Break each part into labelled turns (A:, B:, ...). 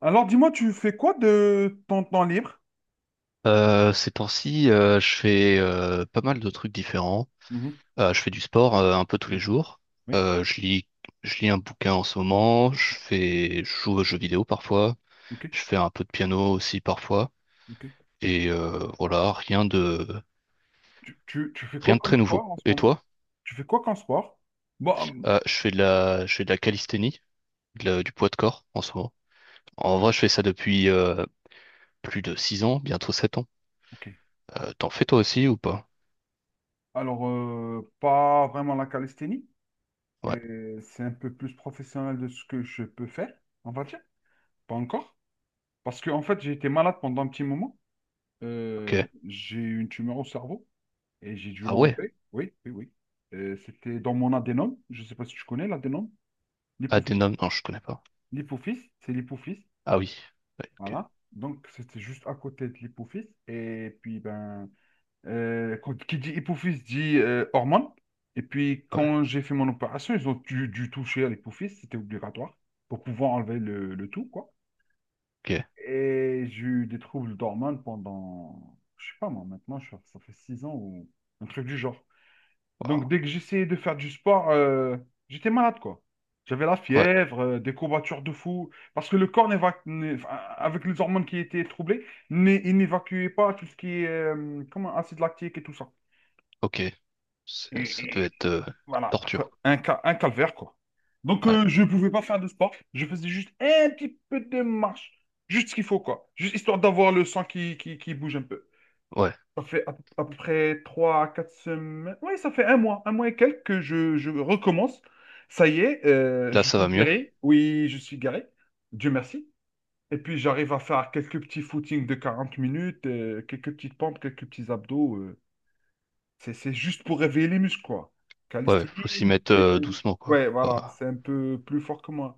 A: Alors, dis-moi, tu fais quoi de ton temps libre?
B: Ces temps-ci, je fais pas mal de trucs différents.
A: Mhm.
B: Je fais du sport un peu tous les
A: Mhm.
B: jours.
A: Oui,
B: Euh, je lis, je lis un bouquin en ce moment. Je joue aux jeux vidéo parfois.
A: ok,
B: Je fais un peu de piano aussi parfois.
A: ok.
B: Et voilà,
A: Tu fais quoi
B: rien de
A: comme
B: très nouveau.
A: sport en ce
B: Et
A: moment?
B: toi?
A: Tu fais quoi comme sport? Bon,
B: Je fais de la calisthénie, du poids de corps en ce moment. En vrai, je fais ça depuis plus de 6 ans, bientôt 7 ans.
A: ok.
B: T'en fais toi aussi ou pas?
A: Alors, pas vraiment la calisthénie.
B: Ouais,
A: Et c'est un peu plus professionnel de ce que je peux faire, on va dire. Pas encore. Parce que, en fait, j'ai été malade pendant un petit moment.
B: ok.
A: J'ai eu une tumeur au cerveau et j'ai dû
B: Ah ouais.
A: l'enlever. Oui, oui, oui. C'était dans mon adénome. Je ne sais pas si tu connais l'adénome. L'hypophyse.
B: Adenom, non, je connais pas.
A: L'hypophyse, c'est l'hypophyse.
B: Ah oui. Ouais, ok.
A: Voilà. Donc, c'était juste à côté de l'hypophyse. Et puis, ben, qui dit hypophyse dit hormone. Et puis,
B: Ouais.
A: quand j'ai fait mon opération, ils ont dû toucher à l'hypophyse. C'était obligatoire pour pouvoir enlever le tout, quoi.
B: Ok.
A: Et j'ai eu des troubles d'hormones pendant, je sais pas moi, maintenant, ça fait 6 ans ou un truc du genre. Donc,
B: Wow.
A: dès que j'essayais de faire du sport, j'étais malade, quoi. J'avais la
B: Ouais.
A: fièvre, des courbatures de fou, parce que le corps, enfin, avec les hormones qui étaient troublées, il n'évacuait pas tout ce qui est comment, acide lactique et tout ça.
B: Ok. Ça
A: Et,
B: devait
A: et
B: être
A: voilà,
B: torture.
A: un calvaire, quoi. Donc,
B: quoi. Ouais.
A: je ne pouvais pas faire de sport. Je faisais juste un petit peu de marche, juste ce qu'il faut, quoi. Juste histoire d'avoir le sang qui bouge un peu.
B: Ouais.
A: Ça fait à peu près 3 à 4 semaines. Oui, ça fait un mois et quelques que je recommence. Ça y est,
B: Là,
A: je
B: ça
A: suis
B: va mieux.
A: guéri. Oui, je suis guéri. Dieu merci. Et puis j'arrive à faire quelques petits footings de 40 minutes, quelques petites pompes, quelques petits abdos. C'est juste pour réveiller les muscles, quoi.
B: Ouais. Faut s'y
A: Calisthénie,
B: mettre
A: c'est-
B: doucement, quoi.
A: ouais,
B: Faut
A: voilà,
B: pas-
A: c'est un peu plus fort que moi.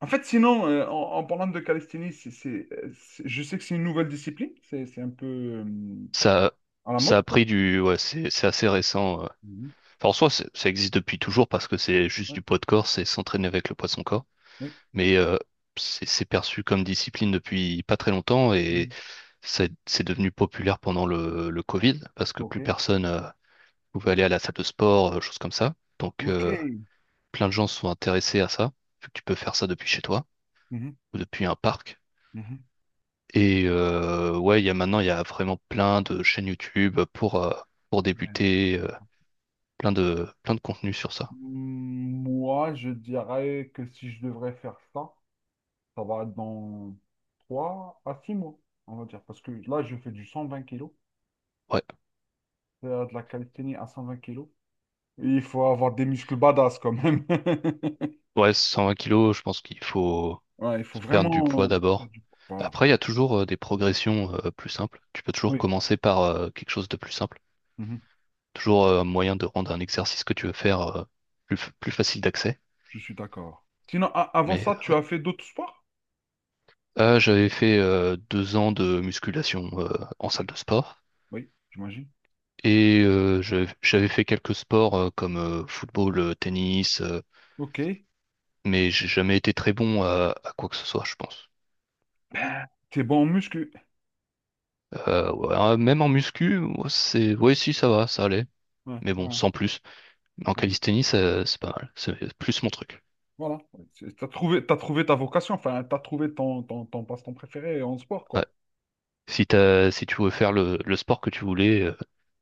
A: En fait, sinon, en parlant de calisthénie, je sais que c'est une nouvelle discipline. C'est un peu
B: Ça,
A: à la
B: ça
A: mode,
B: a
A: quoi.
B: pris du. Ouais. C'est assez récent.
A: Mhm.
B: Enfin, en soi, ça existe depuis toujours parce que c'est juste du poids de corps, c'est s'entraîner avec le poids de son corps.
A: Oui.
B: Mais c'est perçu comme discipline depuis pas très longtemps et
A: Mhm.
B: c'est devenu populaire pendant le Covid parce que
A: Ok.
B: plus personne pouvait aller à la salle de sport, choses comme ça. Donc,
A: Ok.
B: plein de gens sont intéressés à ça, vu que tu peux faire ça depuis chez toi
A: Mhm.
B: ou depuis un parc.
A: Mhm.
B: Et ouais, il y a vraiment plein de chaînes YouTube pour
A: Ouais.
B: débuter, plein de contenus sur ça.
A: Mm, moi, je dirais que si je devrais faire ça, ça va être dans 3 à 6 mois, on va dire. Parce que là, je fais du 120 kilos,
B: Ouais,
A: faire de la calisthénie à 120 kilos. Et il faut avoir des muscles badass quand même.
B: ouais, 120 kilos, je pense qu'il faut
A: Ouais, il faut
B: perdre du poids
A: vraiment faire
B: d'abord.
A: du poids. Voilà.
B: Après, il y a toujours des progressions plus simples. Tu peux toujours
A: Oui,
B: commencer par quelque chose de plus simple.
A: mhm.
B: Toujours un moyen de rendre un exercice que tu veux faire plus facile d'accès.
A: Je suis d'accord. Sinon, avant
B: Mais
A: ça, tu
B: ouais.
A: as fait d'autres sports?
B: Ah, j'avais fait 2 ans de musculation en salle
A: Oui.
B: de sport.
A: Oui, j'imagine.
B: Et j'avais fait quelques sports comme football, tennis,
A: Ok.
B: mais j'ai jamais été très bon à quoi que ce soit, je pense.
A: T'es bon en muscu.
B: Ouais, hein, même en muscu, ouais, ouais, si ça va, ça allait.
A: Ouais,
B: Mais bon,
A: ouais,
B: sans plus. Mais en
A: ouais.
B: calisthénie, c'est pas mal. C'est plus mon truc.
A: Voilà. T'as trouvé ta vocation, enfin, t'as trouvé ton passe-temps préféré en sport,
B: Ouais.
A: quoi.
B: Si tu veux faire le sport que tu voulais,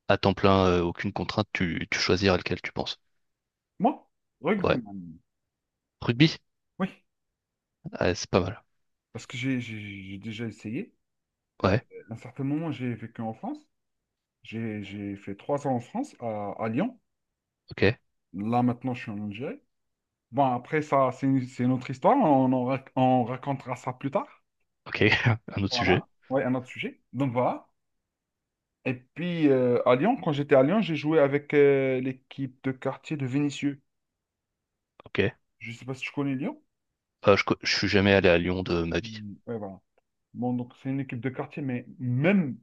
B: à temps plein, aucune contrainte, tu choisiras lequel tu penses.
A: Moi,
B: Ouais.
A: rugbyman.
B: Rugby?
A: Oui,
B: Ah, c'est pas mal.
A: parce que j'ai déjà essayé. Euh,
B: Ouais,
A: à un certain moment, j'ai vécu en France. J'ai fait 3 ans en France, à Lyon.
B: ok,
A: Là, maintenant, je suis en Algérie. Bon, après, ça, c'est une autre histoire. On racontera ça plus tard.
B: ok. Un autre sujet.
A: Voilà. Ouais, un autre sujet. Donc, voilà. Et puis, à Lyon, quand j'étais à Lyon, j'ai joué avec l'équipe de quartier de Vénissieux.
B: Ok.
A: Je ne sais pas si tu connais Lyon.
B: Ah, je suis jamais allé à Lyon de ma vie.
A: Mm, ouais, voilà. Bon, donc c'est une équipe de quartier, mais même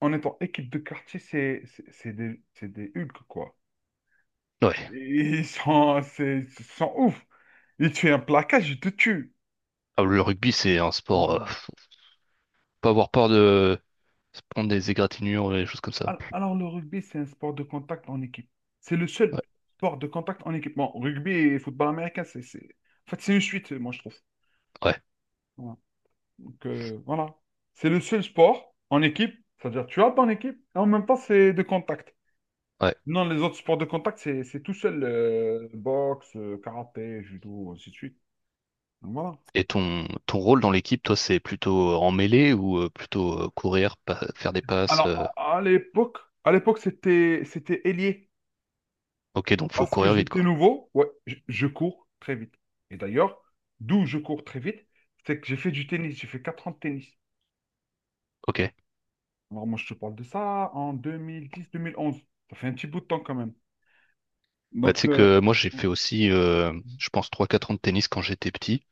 A: en étant équipe de quartier, c'est des Hulk, quoi.
B: Ouais.
A: Ils sont ouf. Ils tuent un placage, ils te tuent.
B: Ah, le rugby, c'est un sport. euh,
A: Mm.
B: faut pas avoir peur de se prendre des égratignures et des choses comme ça.
A: Alors, le rugby, c'est un sport de contact en équipe. C'est le seul
B: Ouais,
A: sport de contact en équipe. Bon, rugby et football américain. En fait, c'est une suite, moi, je trouve.
B: ouais,
A: Voilà. Donc, voilà. C'est le seul sport en équipe, c'est-à-dire tu as ton équipe, et en même temps, c'est de contact.
B: ouais.
A: Non, les autres sports de contact, c'est tout seul. Boxe, karaté, judo, ainsi de suite. Donc, voilà.
B: Et ton rôle dans l'équipe, toi, c'est plutôt en mêlée ou plutôt faire des passes.
A: Alors, à l'époque, c'était ailier.
B: Ok, donc faut
A: Parce que
B: courir vite,
A: j'étais
B: quoi.
A: nouveau, ouais, je cours très vite. Et d'ailleurs, d'où je cours très vite, c'est que j'ai fait du tennis. J'ai fait 4 ans de tennis.
B: Ok.
A: Alors, moi, je te parle de ça en 2010-2011. Ça fait un petit bout de temps quand même.
B: Bah, tu
A: Donc,
B: sais que moi, j'ai fait aussi, je pense, trois quatre ans de tennis quand j'étais petit.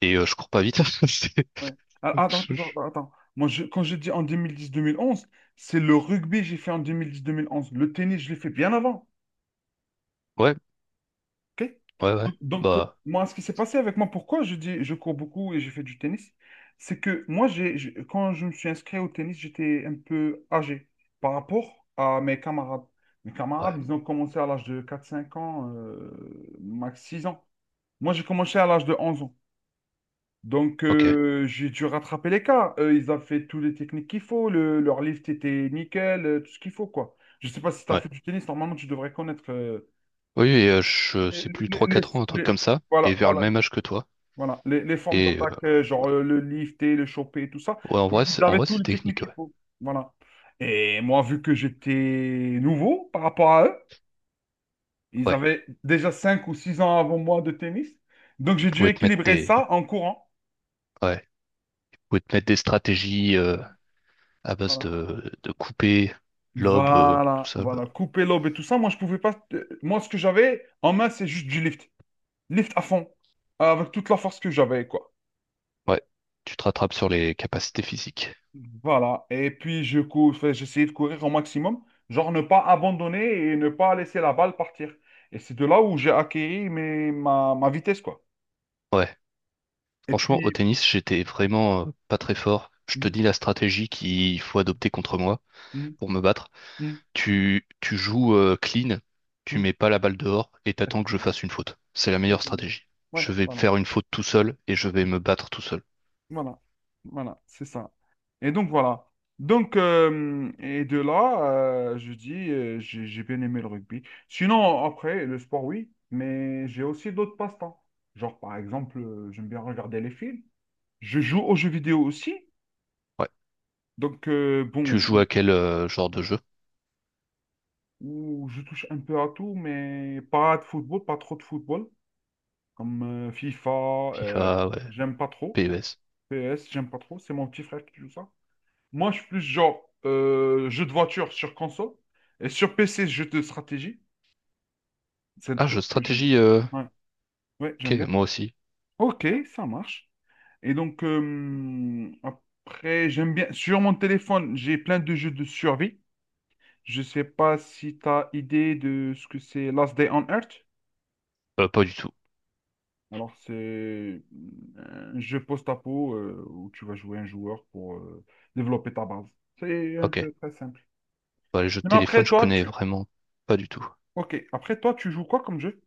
B: Et je cours pas vite. C'est-
A: ouais. Ah, attends,
B: je-
A: attends,
B: je-
A: attends, attends. Moi, quand je dis en deux mille dix, mille onze, c'est le rugby que j'ai fait en deux mille dix, mille onze. Le tennis, je l'ai fait bien avant.
B: Ouais,
A: Ok.
B: ouais, ouais.
A: Donc,
B: Bah,
A: moi, ce qui s'est passé avec moi, pourquoi je dis je cours beaucoup et j'ai fait du tennis, c'est que moi, quand je me suis inscrit au tennis, j'étais un peu âgé par rapport à mes camarades. Mes camarades,
B: ouais,
A: ils ont commencé à l'âge de 4, 5 ans, max 6 ans. Moi, j'ai commencé à l'âge de 11 ans. Donc,
B: ok.
A: j'ai dû rattraper l'écart. Ils ont fait toutes les techniques qu'il faut. Leur lift était nickel, tout ce qu'il faut, quoi. Je sais pas si tu as
B: Ouais.
A: fait du tennis. Normalement, tu devrais connaître
B: Oui, et je
A: les,
B: sais plus,
A: les-
B: trois
A: les-
B: quatre ans, un truc
A: les-
B: comme ça,
A: voilà,
B: et vers le
A: voilà,
B: même âge que toi.
A: voilà, les formes
B: Et
A: d'attaque,
B: ouais.
A: genre le lifter, le choper, tout ça.
B: Ouais,
A: Ils
B: en
A: avaient
B: vrai,
A: toutes
B: c'est
A: les techniques
B: technique,
A: qu'il
B: ouais.
A: faut. Voilà. Et moi, vu que j'étais nouveau par rapport à eux, ils
B: Ouais.
A: avaient déjà 5 ou 6 ans avant moi de tennis. Donc,
B: Ils
A: j'ai dû
B: pouvaient te mettre
A: équilibrer
B: des.
A: ça en courant.
B: Ouais. Ils pouvaient te mettre des stratégies à base
A: Voilà.
B: de couper, lobe, tout
A: Voilà,
B: ça.
A: voilà,
B: là.
A: couper l'aube et tout ça. Moi, je pouvais pas. Moi, ce que j'avais en main, c'est juste du lift. Lift à fond, avec toute la force que j'avais, quoi.
B: Ouais. Tu te rattrapes sur les capacités physiques.
A: Voilà. Et puis, enfin, j'essayais de courir au maximum, genre ne pas abandonner et ne pas laisser la balle partir. Et c'est de là où j'ai acquis ma vitesse, quoi.
B: Ouais.
A: Et
B: Franchement, au
A: puis,
B: tennis, j'étais vraiment pas très fort. Je te
A: mhm,
B: dis la stratégie qu'il faut adopter contre moi
A: mhm,
B: pour me battre.
A: mhm,
B: Tu joues clean, tu
A: mhm.
B: mets pas la balle dehors et t'attends que je fasse une faute. C'est la
A: C'est
B: meilleure
A: tout.
B: stratégie.
A: Ouais,
B: Je vais
A: voilà,
B: faire une faute tout seul et je vais me battre tout seul.
A: voilà, voilà, c'est ça. Et donc voilà. Donc, et de là, je dis, j'ai bien aimé le rugby. Sinon, après, le sport, oui, mais j'ai aussi d'autres passe-temps. Genre, par exemple, j'aime bien regarder les films. Je joue aux jeux vidéo aussi.
B: Ouais.
A: Donc,
B: Tu
A: bon,
B: joues à quel genre de jeu?
A: où je touche un peu à tout, mais pas de football, pas trop de football. Comme FIFA, euh,
B: FIFA, ouais,
A: j'aime pas trop, non.
B: PES.
A: PS, j'aime pas trop. C'est mon petit frère qui joue ça. Moi, je suis plus genre jeu de voiture sur console. Et sur PC, jeu de stratégie. C'est un
B: Ah, jeu de
A: truc que j'aime bien.
B: stratégie,
A: Ouais, ouais, j'aime
B: ok,
A: bien.
B: moi aussi.
A: Ok, ça marche. Et donc, après, j'aime bien. Sur mon téléphone, j'ai plein de jeux de survie. Je sais pas si tu as idée de ce que c'est Last Day on Earth.
B: Pas du tout.
A: Alors, c'est un jeu post-apo où tu vas jouer un joueur pour développer ta base. C'est un
B: Ok.
A: peu très simple.
B: Bah, les jeux de
A: Mais
B: téléphone,
A: après,
B: je
A: toi,
B: connais
A: tu...
B: vraiment pas du tout.
A: Ok, après, toi, tu joues quoi comme jeu?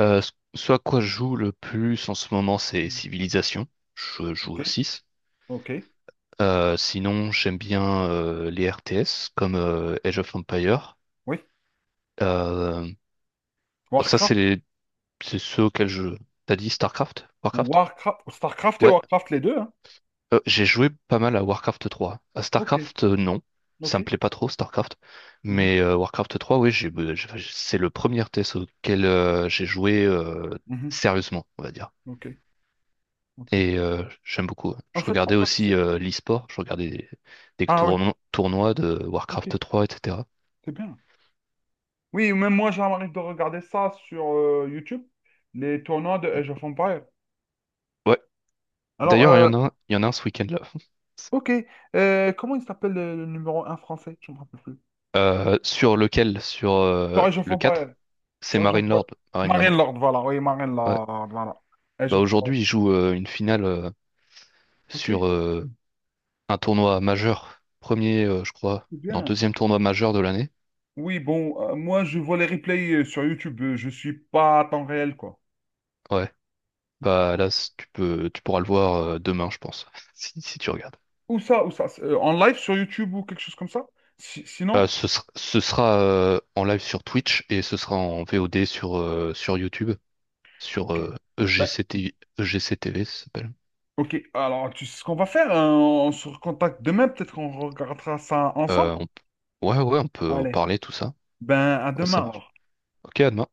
B: Ce à quoi je joue le plus en ce moment, c'est
A: Mhm.
B: Civilization. Je joue
A: Ok,
B: au 6.
A: ok,
B: Sinon, j'aime bien les RTS comme Age of Empire.
A: oui.
B: Euh, bon, ça,
A: Warcraft,
B: c'est ceux auxquels je... T'as dit StarCraft? Warcraft?
A: Warcraft, Starcraft et
B: Ouais.
A: Warcraft, les deux, hein.
B: J'ai joué pas mal à Warcraft 3. À
A: Ok,
B: StarCraft, non. Ça
A: ok.
B: me plaît pas trop, StarCraft.
A: Mhm,
B: Mais Warcraft 3, oui, enfin, c'est le premier test auquel j'ai joué
A: mhm,
B: sérieusement, on va dire.
A: ok, ok.
B: Et j'aime beaucoup, hein.
A: En
B: Je
A: fait, en
B: regardais
A: fait,
B: aussi
A: c'est...
B: l'e-sport,
A: Ah oui,
B: tournois de
A: ok,
B: Warcraft 3, etc.
A: c'est bien. Oui, même moi, j'arrive de regarder ça sur YouTube, les tournois de Age of Empires.
B: Ouais.
A: Alors,
B: D'ailleurs, il y en a un ce week-end là.
A: ok, comment il s'appelle le numéro 1 français? Je ne me rappelle plus.
B: Sur lequel? Sur
A: Sur Age of
B: le 4?
A: Empires,
B: C'est
A: sur Age of Empires.
B: Marinelord. Marinelord.
A: Marine Lord, voilà, oui, Marine
B: Ouais.
A: Lord, voilà. Age
B: Bah
A: of Empires.
B: aujourd'hui, il joue une finale
A: Ok,
B: sur un tournoi majeur, premier, je crois,
A: c'est
B: non,
A: bien.
B: deuxième tournoi majeur de l'année.
A: Oui, bon, moi je vois les replays sur YouTube, je suis pas à temps réel, quoi.
B: Ouais, bah là, tu pourras le voir demain, je pense, si tu regardes.
A: Où ça, où ça? C'est, en live sur YouTube ou quelque chose comme ça? Sinon?
B: Ce sera en live sur Twitch et ce sera en VOD sur YouTube, sur
A: Ok. Ben,
B: EGCT, EGCTV, ça s'appelle.
A: ok. Alors, tu sais ce qu'on va faire? Hein, on se recontacte demain, peut-être qu'on regardera ça ensemble.
B: Euh, on p- Ouais, ouais, on peut en
A: Allez.
B: parler, tout ça.
A: Ben, à
B: Ouais, ça
A: demain
B: marche.
A: alors.
B: Ok, à demain.